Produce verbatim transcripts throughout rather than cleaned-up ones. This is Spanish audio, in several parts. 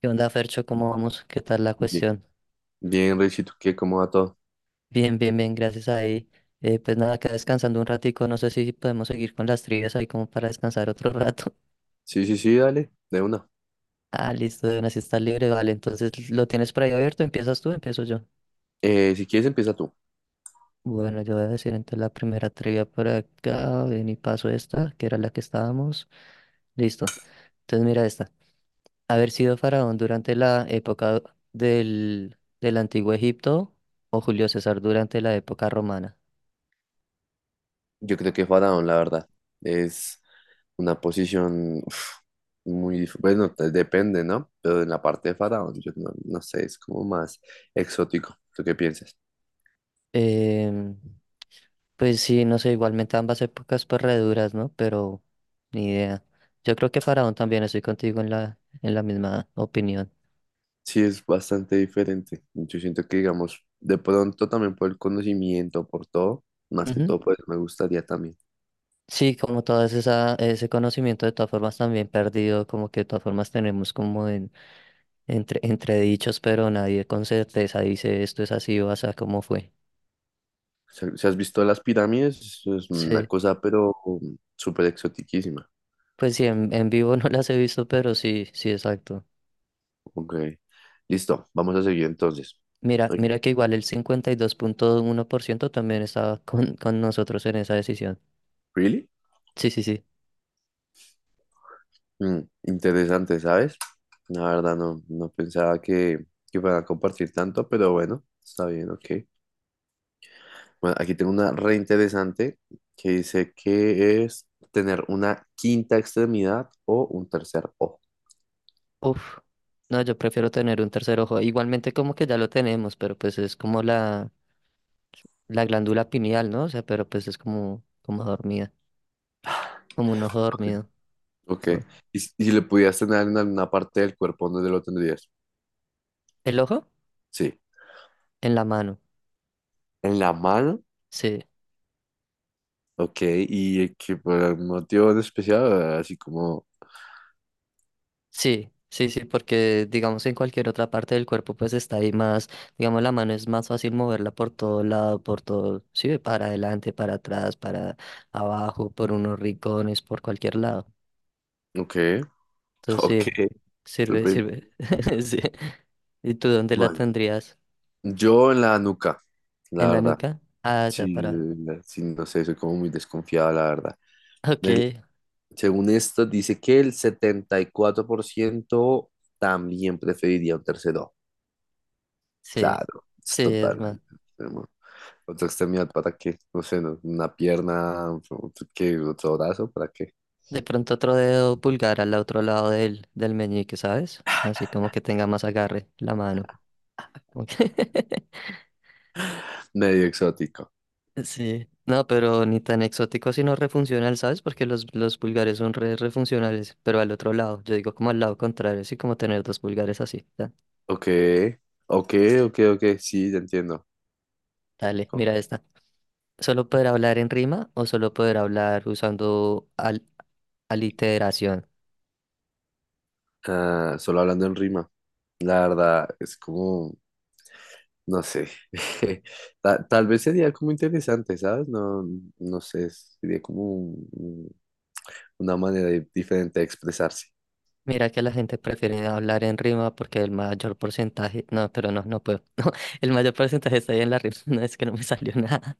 ¿Qué onda, Fercho? ¿Cómo vamos? ¿Qué tal la Bien, cuestión? bien, Richie, ¿tú qué? ¿Cómo va todo? Bien, bien, bien, gracias ahí. Eh, pues nada, acá descansando un ratico, no sé si podemos seguir con las trivias ahí como para descansar otro rato. Sí, sí, sí, dale, de una. Ah, listo, de una si está libre, vale, entonces lo tienes por ahí abierto, empiezas tú, empiezo yo. Eh, si quieres, empieza tú. Bueno, yo voy a decir entonces la primera trivia por acá, ven y paso esta, que era la que estábamos. Listo, entonces mira esta. Haber sido faraón durante la época del, del Antiguo Egipto o Julio César durante la época romana. Yo creo que Faraón, la verdad, es una posición uf, muy dif- Bueno, te- depende, ¿no? Pero en la parte de Faraón, yo no, no sé, es como más exótico. ¿Tú qué piensas? Em, Pues sí, no sé, igualmente ambas épocas pues re duras, ¿no? Pero ni idea. Yo creo que Faraón también estoy contigo en la, en la misma opinión. Sí, es bastante diferente. Yo siento que, digamos, de pronto también por el conocimiento, por todo, más que Ujú. todo, pues me gustaría también. Sí, como todo esa, ese conocimiento de todas formas también perdido, como que de todas formas tenemos como en, entre, entredichos, pero nadie con certeza dice esto es así o así como fue. Si si has visto las pirámides, es una Sí, cosa, pero um, súper exotiquísima. pues sí, en, en vivo no las he visto, pero sí, sí, exacto. Ok. Listo, vamos a seguir entonces. Mira, Ay, mira que igual el cincuenta y dos punto uno por ciento también estaba con, con nosotros en esa decisión. ¿really? Sí, sí, sí. Mm, interesante, ¿sabes? La verdad no, no pensaba que, que fueran a compartir tanto, pero bueno, está bien, ok. Bueno, aquí tengo una re interesante que dice que es tener una quinta extremidad o un tercer ojo. Uf, no, yo prefiero tener un tercer ojo. Igualmente como que ya lo tenemos, pero pues es como la, la glándula pineal, ¿no? O sea, pero pues es como, como dormida, como un ojo Ok. dormido. Ok. ¿Y si y si le pudieras tener en alguna parte del cuerpo, dónde lo tendrías? ¿El ojo? Sí. En la mano. ¿En la mano? Sí, Ok, y eh, que por algún motivo en especial, así como, sí, sí, sí, porque digamos en cualquier otra parte del cuerpo pues está ahí más, digamos la mano es más fácil moverla por todo lado, por todo, sí, para adelante, para atrás, para abajo, por unos rincones, por cualquier lado. ok, Entonces ok, sirve, sirve, súper. sirve. Sí. ¿Y tú dónde la Bueno, tendrías? yo en la nuca, la ¿En la verdad. nuca? Ah, ya Sí, para. eh, sí, no sé, soy como muy desconfiado, la verdad. Ok, El- Según esto, dice que el setenta y cuatro por ciento también preferiría un tercer ojo. sí, Claro, es sí, es más. totalmente enfermo. Otra extremidad para qué, no sé, no, una pierna, otro, ¿qué? Otro brazo para qué. De pronto otro dedo pulgar al otro lado del, del meñique, ¿sabes? Así como que tenga más agarre la mano. Ok. Medio exótico. Sí, no, pero ni tan exótico sino refuncional, ¿sabes? Porque los, los pulgares son re refuncionales, pero al otro lado, yo digo como al lado contrario, así como tener dos pulgares así. Ya. Ok, ok, ok, ok, sí, ya entiendo. Dale, mira Co- esta. ¿Solo poder hablar en rima o solo poder hablar usando al aliteración? Ah, solo hablando en rima, la verdad es como, no sé, ta- tal vez sería como interesante, ¿sabes? No, no sé, sería como un- un- una manera di- diferente de expresarse, Mira que la gente prefiere hablar en rima porque el mayor porcentaje... No, pero no, no puedo. El mayor porcentaje está ahí en la rima. No es que no me salió nada.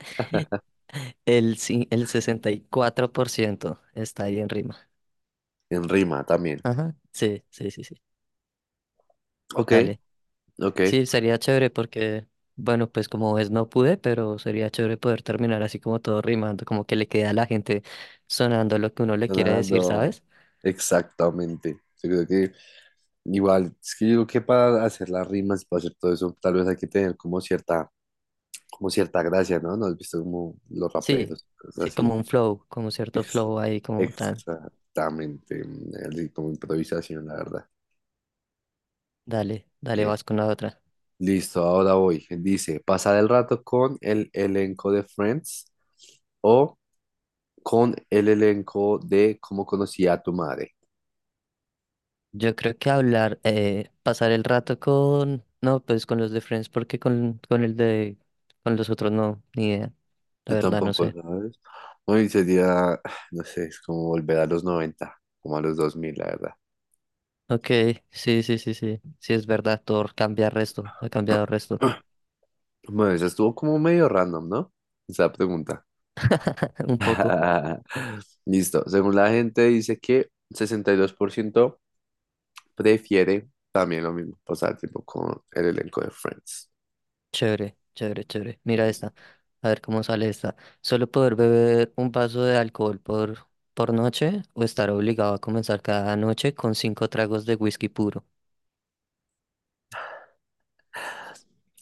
El, ci- el sesenta y cuatro por ciento está ahí en rima. en rima también. Ajá. Sí, sí, sí, sí. Ok, Dale. ok. Sí, sería chévere porque, bueno, pues como ves, no pude, pero sería chévere poder terminar así como todo rimando, como que le queda a la gente sonando lo que uno le quiere decir, Sonando. ¿sabes? Exactamente. Yo creo que igual, es que yo digo que para hacer las rimas, para hacer todo eso, tal vez hay que tener como cierta, como cierta gracia, ¿no? ¿No has visto como los Sí, raperos, cosas sí, así? como un flow, como cierto Ex- flow ahí, como tan, Exactamente. Así como improvisación, la verdad. dale, dale, Ok. vas con la otra. Listo, ahora voy. Dice, pasar el rato con el elenco de Friends o con el elenco de Cómo conocí a tu madre. Yo creo que hablar, eh, pasar el rato con, no, pues con los de Friends, porque con, con el de, con los otros no, ni idea, la Yo verdad no tampoco, sé. ¿sabes? Hoy sería, no sé, es como volver a los noventa como a los dos mil, la verdad. Ok, sí, sí, sí, sí, sí es verdad, Thor cambia resto, ha cambiado resto, Bueno, eso estuvo como medio random, ¿no? Esa pregunta. un poco. Listo. Según la gente dice que sesenta y dos por ciento prefiere también lo mismo, pasar tiempo con el elenco de Friends. Chévere, chévere, chévere. Mira Listo. esta. A ver cómo sale esta. ¿Solo poder beber un vaso de alcohol por, por noche o estar obligado a comenzar cada noche con cinco tragos de whisky puro?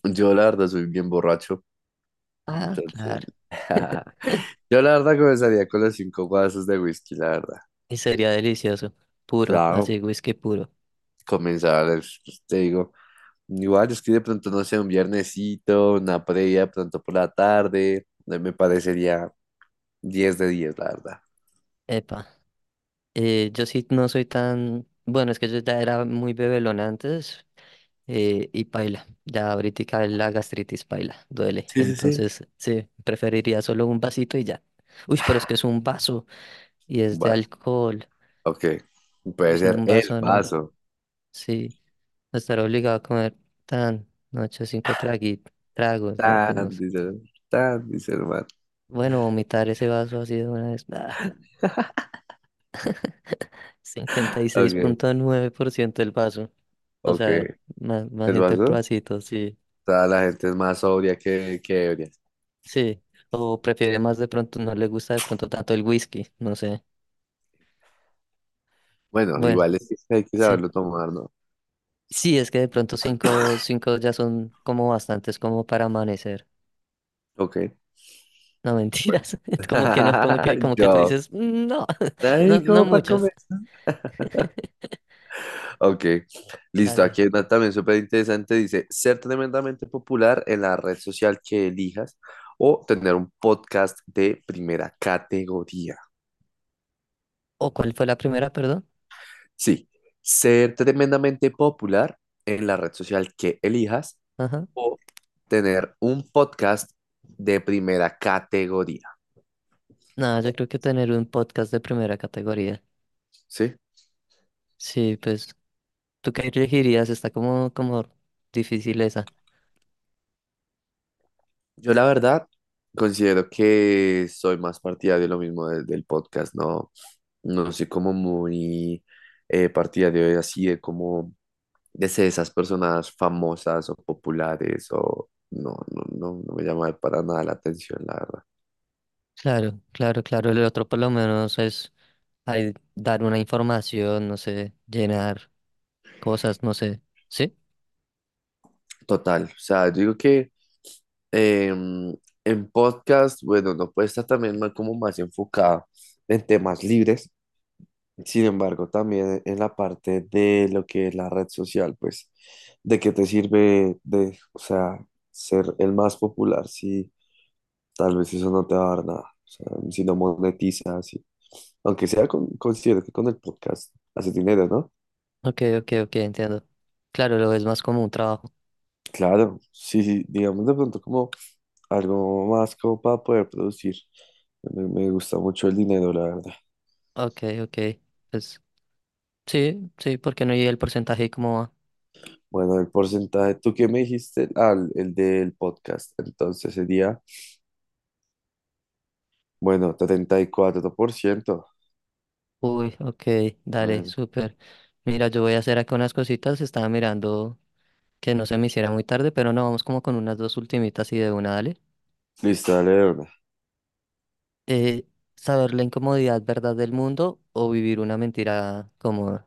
Yo la verdad soy bien borracho, Ah, entonces. claro. Yo la verdad comenzaría con los cinco vasos de whisky, la verdad. Y sería delicioso. Puro, así, Claro, whisky puro. comenzar, es- pues, te digo, igual es que de pronto, no sé, un viernesito, una previa, de pronto por la tarde, eh, me parecería diez de diez, la verdad. Epa. Eh, yo sí no soy tan... Bueno, es que yo ya era muy bebelón antes, eh, y paila. Ya ahorita la gastritis paila, duele. Sí, sí, sí. Entonces, sí, preferiría solo un vasito y ya. Uy, pero es que es un vaso, y Un es de vaso, alcohol. ok. Puede Uy, no, ser un el vaso no. vaso. Sí, estar obligado a comer tan, no, ocho, cinco tragui- tragos, no, pues no Tan, sé. dice, tan, dice el man. Bueno, vomitar ese vaso así de una vez, ah, cincuenta y seis Ok, punto nueve por ciento del vaso. O ok. sea, más, más ¿El gente el vaso? pedacito, sí, Toda la gente es más sobria que, que ebria. sí. O prefiere más de pronto, no le gusta de pronto tanto el whisky, no sé. Bueno, Bueno, igual es que hay que sí. saberlo tomar, ¿no? Sí, es que de pronto cinco, cinco ya son como bastantes como para amanecer. Ok. No, mentiras. Como que no, como que, como que tú Yo. dices, "Mm, no, no, Ay, no ¿cómo para muchas." comer? Ok, listo. Dale. Aquí hay una también súper interesante. Dice, ser tremendamente popular en la red social que elijas o tener un podcast de primera categoría. ¿O cuál fue la primera, perdón? Sí, ser tremendamente popular en la red social que elijas Ajá. o tener un podcast de primera categoría. No, yo creo que tener un podcast de primera categoría. ¿Sí? Sí, pues, ¿tú qué elegirías? Está como, como difícil esa. Yo la verdad considero que soy más partidario de lo mismo de- del podcast, no, no soy como muy eh, partidario de así de como de ser esas personas famosas o populares o no, no, no, no me llama para nada la atención, la verdad. Claro, claro, claro. El otro por lo menos es ahí dar una información, no sé, llenar cosas, no sé. ¿Sí? Total, o sea, yo digo que em, en podcast, bueno, no puede estar también más- como más enfocada en temas libres. Sin embargo, también en la parte de lo que es la red social, pues, ¿de qué te sirve de, o sea, ser el más popular si tal vez eso no te va a dar nada? O sea, si no monetizas, si- aunque sea con, considero que con el podcast haces dinero, ¿no? Ok, ok, ok, entiendo. Claro, lo ves más como un trabajo. Claro, sí, sí, digamos de pronto como algo más como para poder producir. Me, me gusta mucho el dinero, la verdad. Ok, ok. Pues sí, sí, porque no llegué el porcentaje y como, va. Bueno, el porcentaje, ¿tú qué me dijiste? Ah, el el del podcast. Entonces sería. Bueno, setenta y cuatro por ciento. Uy, ok, dale, Bueno, súper. Mira, yo voy a hacer acá unas cositas, estaba mirando que no se me hiciera muy tarde, pero no, vamos como con unas dos ultimitas y de una, dale. listo, dale de una. Eh, Saber la incomodidad verdad del mundo o vivir una mentira cómoda.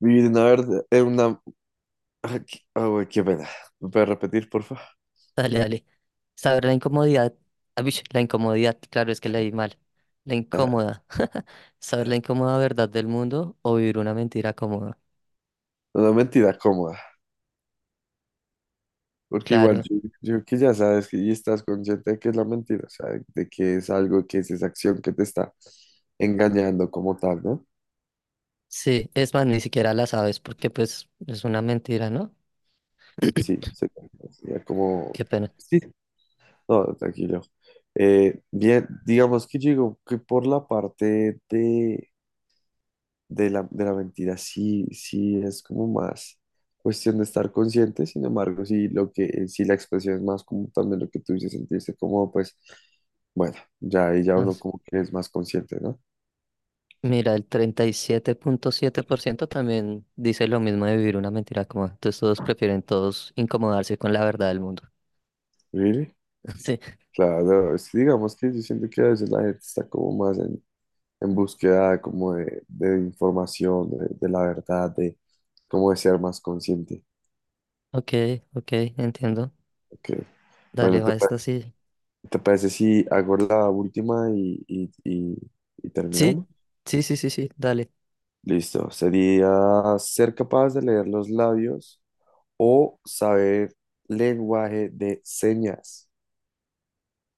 Vivir en una verdad, en una. Ah, qué- ah, güey, qué pena. ¿Me puedes repetir, porfa? Dale, dale. Saber la incomodidad, ah, bish, la incomodidad, claro, es que leí mal. La incómoda. Saber la incómoda verdad del mundo o vivir una mentira cómoda. Una mentira cómoda. Porque igual Claro. yo, yo que ya sabes que y estás consciente de que es la mentira, o sea, de que es algo, que es esa acción que te está engañando como tal, ¿no? Sí, es más, ni siquiera la sabes porque pues es una mentira, ¿no? Sí, se- sería como. Qué pena. Sí, no, tranquilo. Eh, bien, digamos que yo digo que por la parte de... de la, de la mentira sí, sí es como más cuestión de estar consciente, sin embargo, si lo que, si la expresión es más como también lo que tú dices, sentirse como, pues, bueno, ya ahí ya Ah, uno como que es más consciente, ¿no? mira, el treinta y siete punto siete por ciento también dice lo mismo de vivir una mentira como. Entonces todos prefieren todos incomodarse con la verdad del mundo. Really? Sí, Claro, es que digamos que yo siento que a veces la gente está como más en, en búsqueda como de, de información, de, de la verdad, de cómo de ser más consciente. ok, ok, entiendo. Ok. Dale, Bueno, ¿te, va pa- esta sí. te parece si hago la última y, y, y y Sí, terminamos? sí, sí, sí, sí, dale. Listo. Sería ser capaz de leer los labios o saber lenguaje de señas.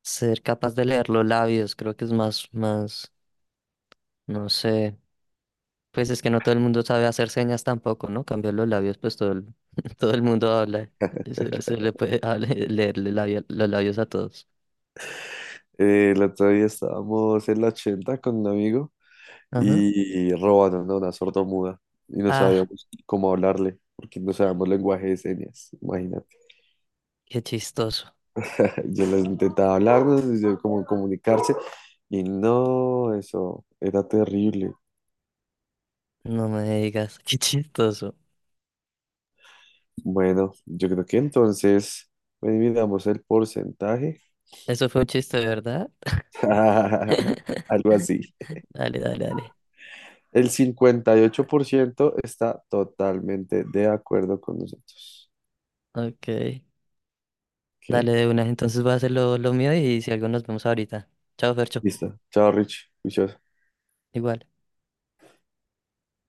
Ser capaz de leer los labios, creo que es más, más, no sé. Pues es que no todo el mundo sabe hacer señas tampoco, ¿no? Cambiar los labios, pues todo el, todo el mundo habla. Se, se le puede hablar- leerle labio- los labios a todos. Eh, el otro día estábamos en la ochenta con un amigo Ajá. y, y robando una sordomuda y no Ah, sabíamos cómo hablarle porque no sabíamos lenguaje de señas. Imagínate. qué chistoso. Yo les intentaba hablarnos, yo como comunicarse y no, eso era terrible. No me digas, qué chistoso. Bueno, yo creo que entonces, dividamos el porcentaje. Eso fue un chiste, ¿verdad? Algo así. Dale, dale, dale. El cincuenta y ocho por ciento está totalmente de acuerdo con nosotros. Ok. ¿Qué? Dale de una. Entonces voy a hacer lo, lo mío y si algo nos vemos ahorita. Chao, Fercho. Listo. Chao, Rich. Juicioso. Igual.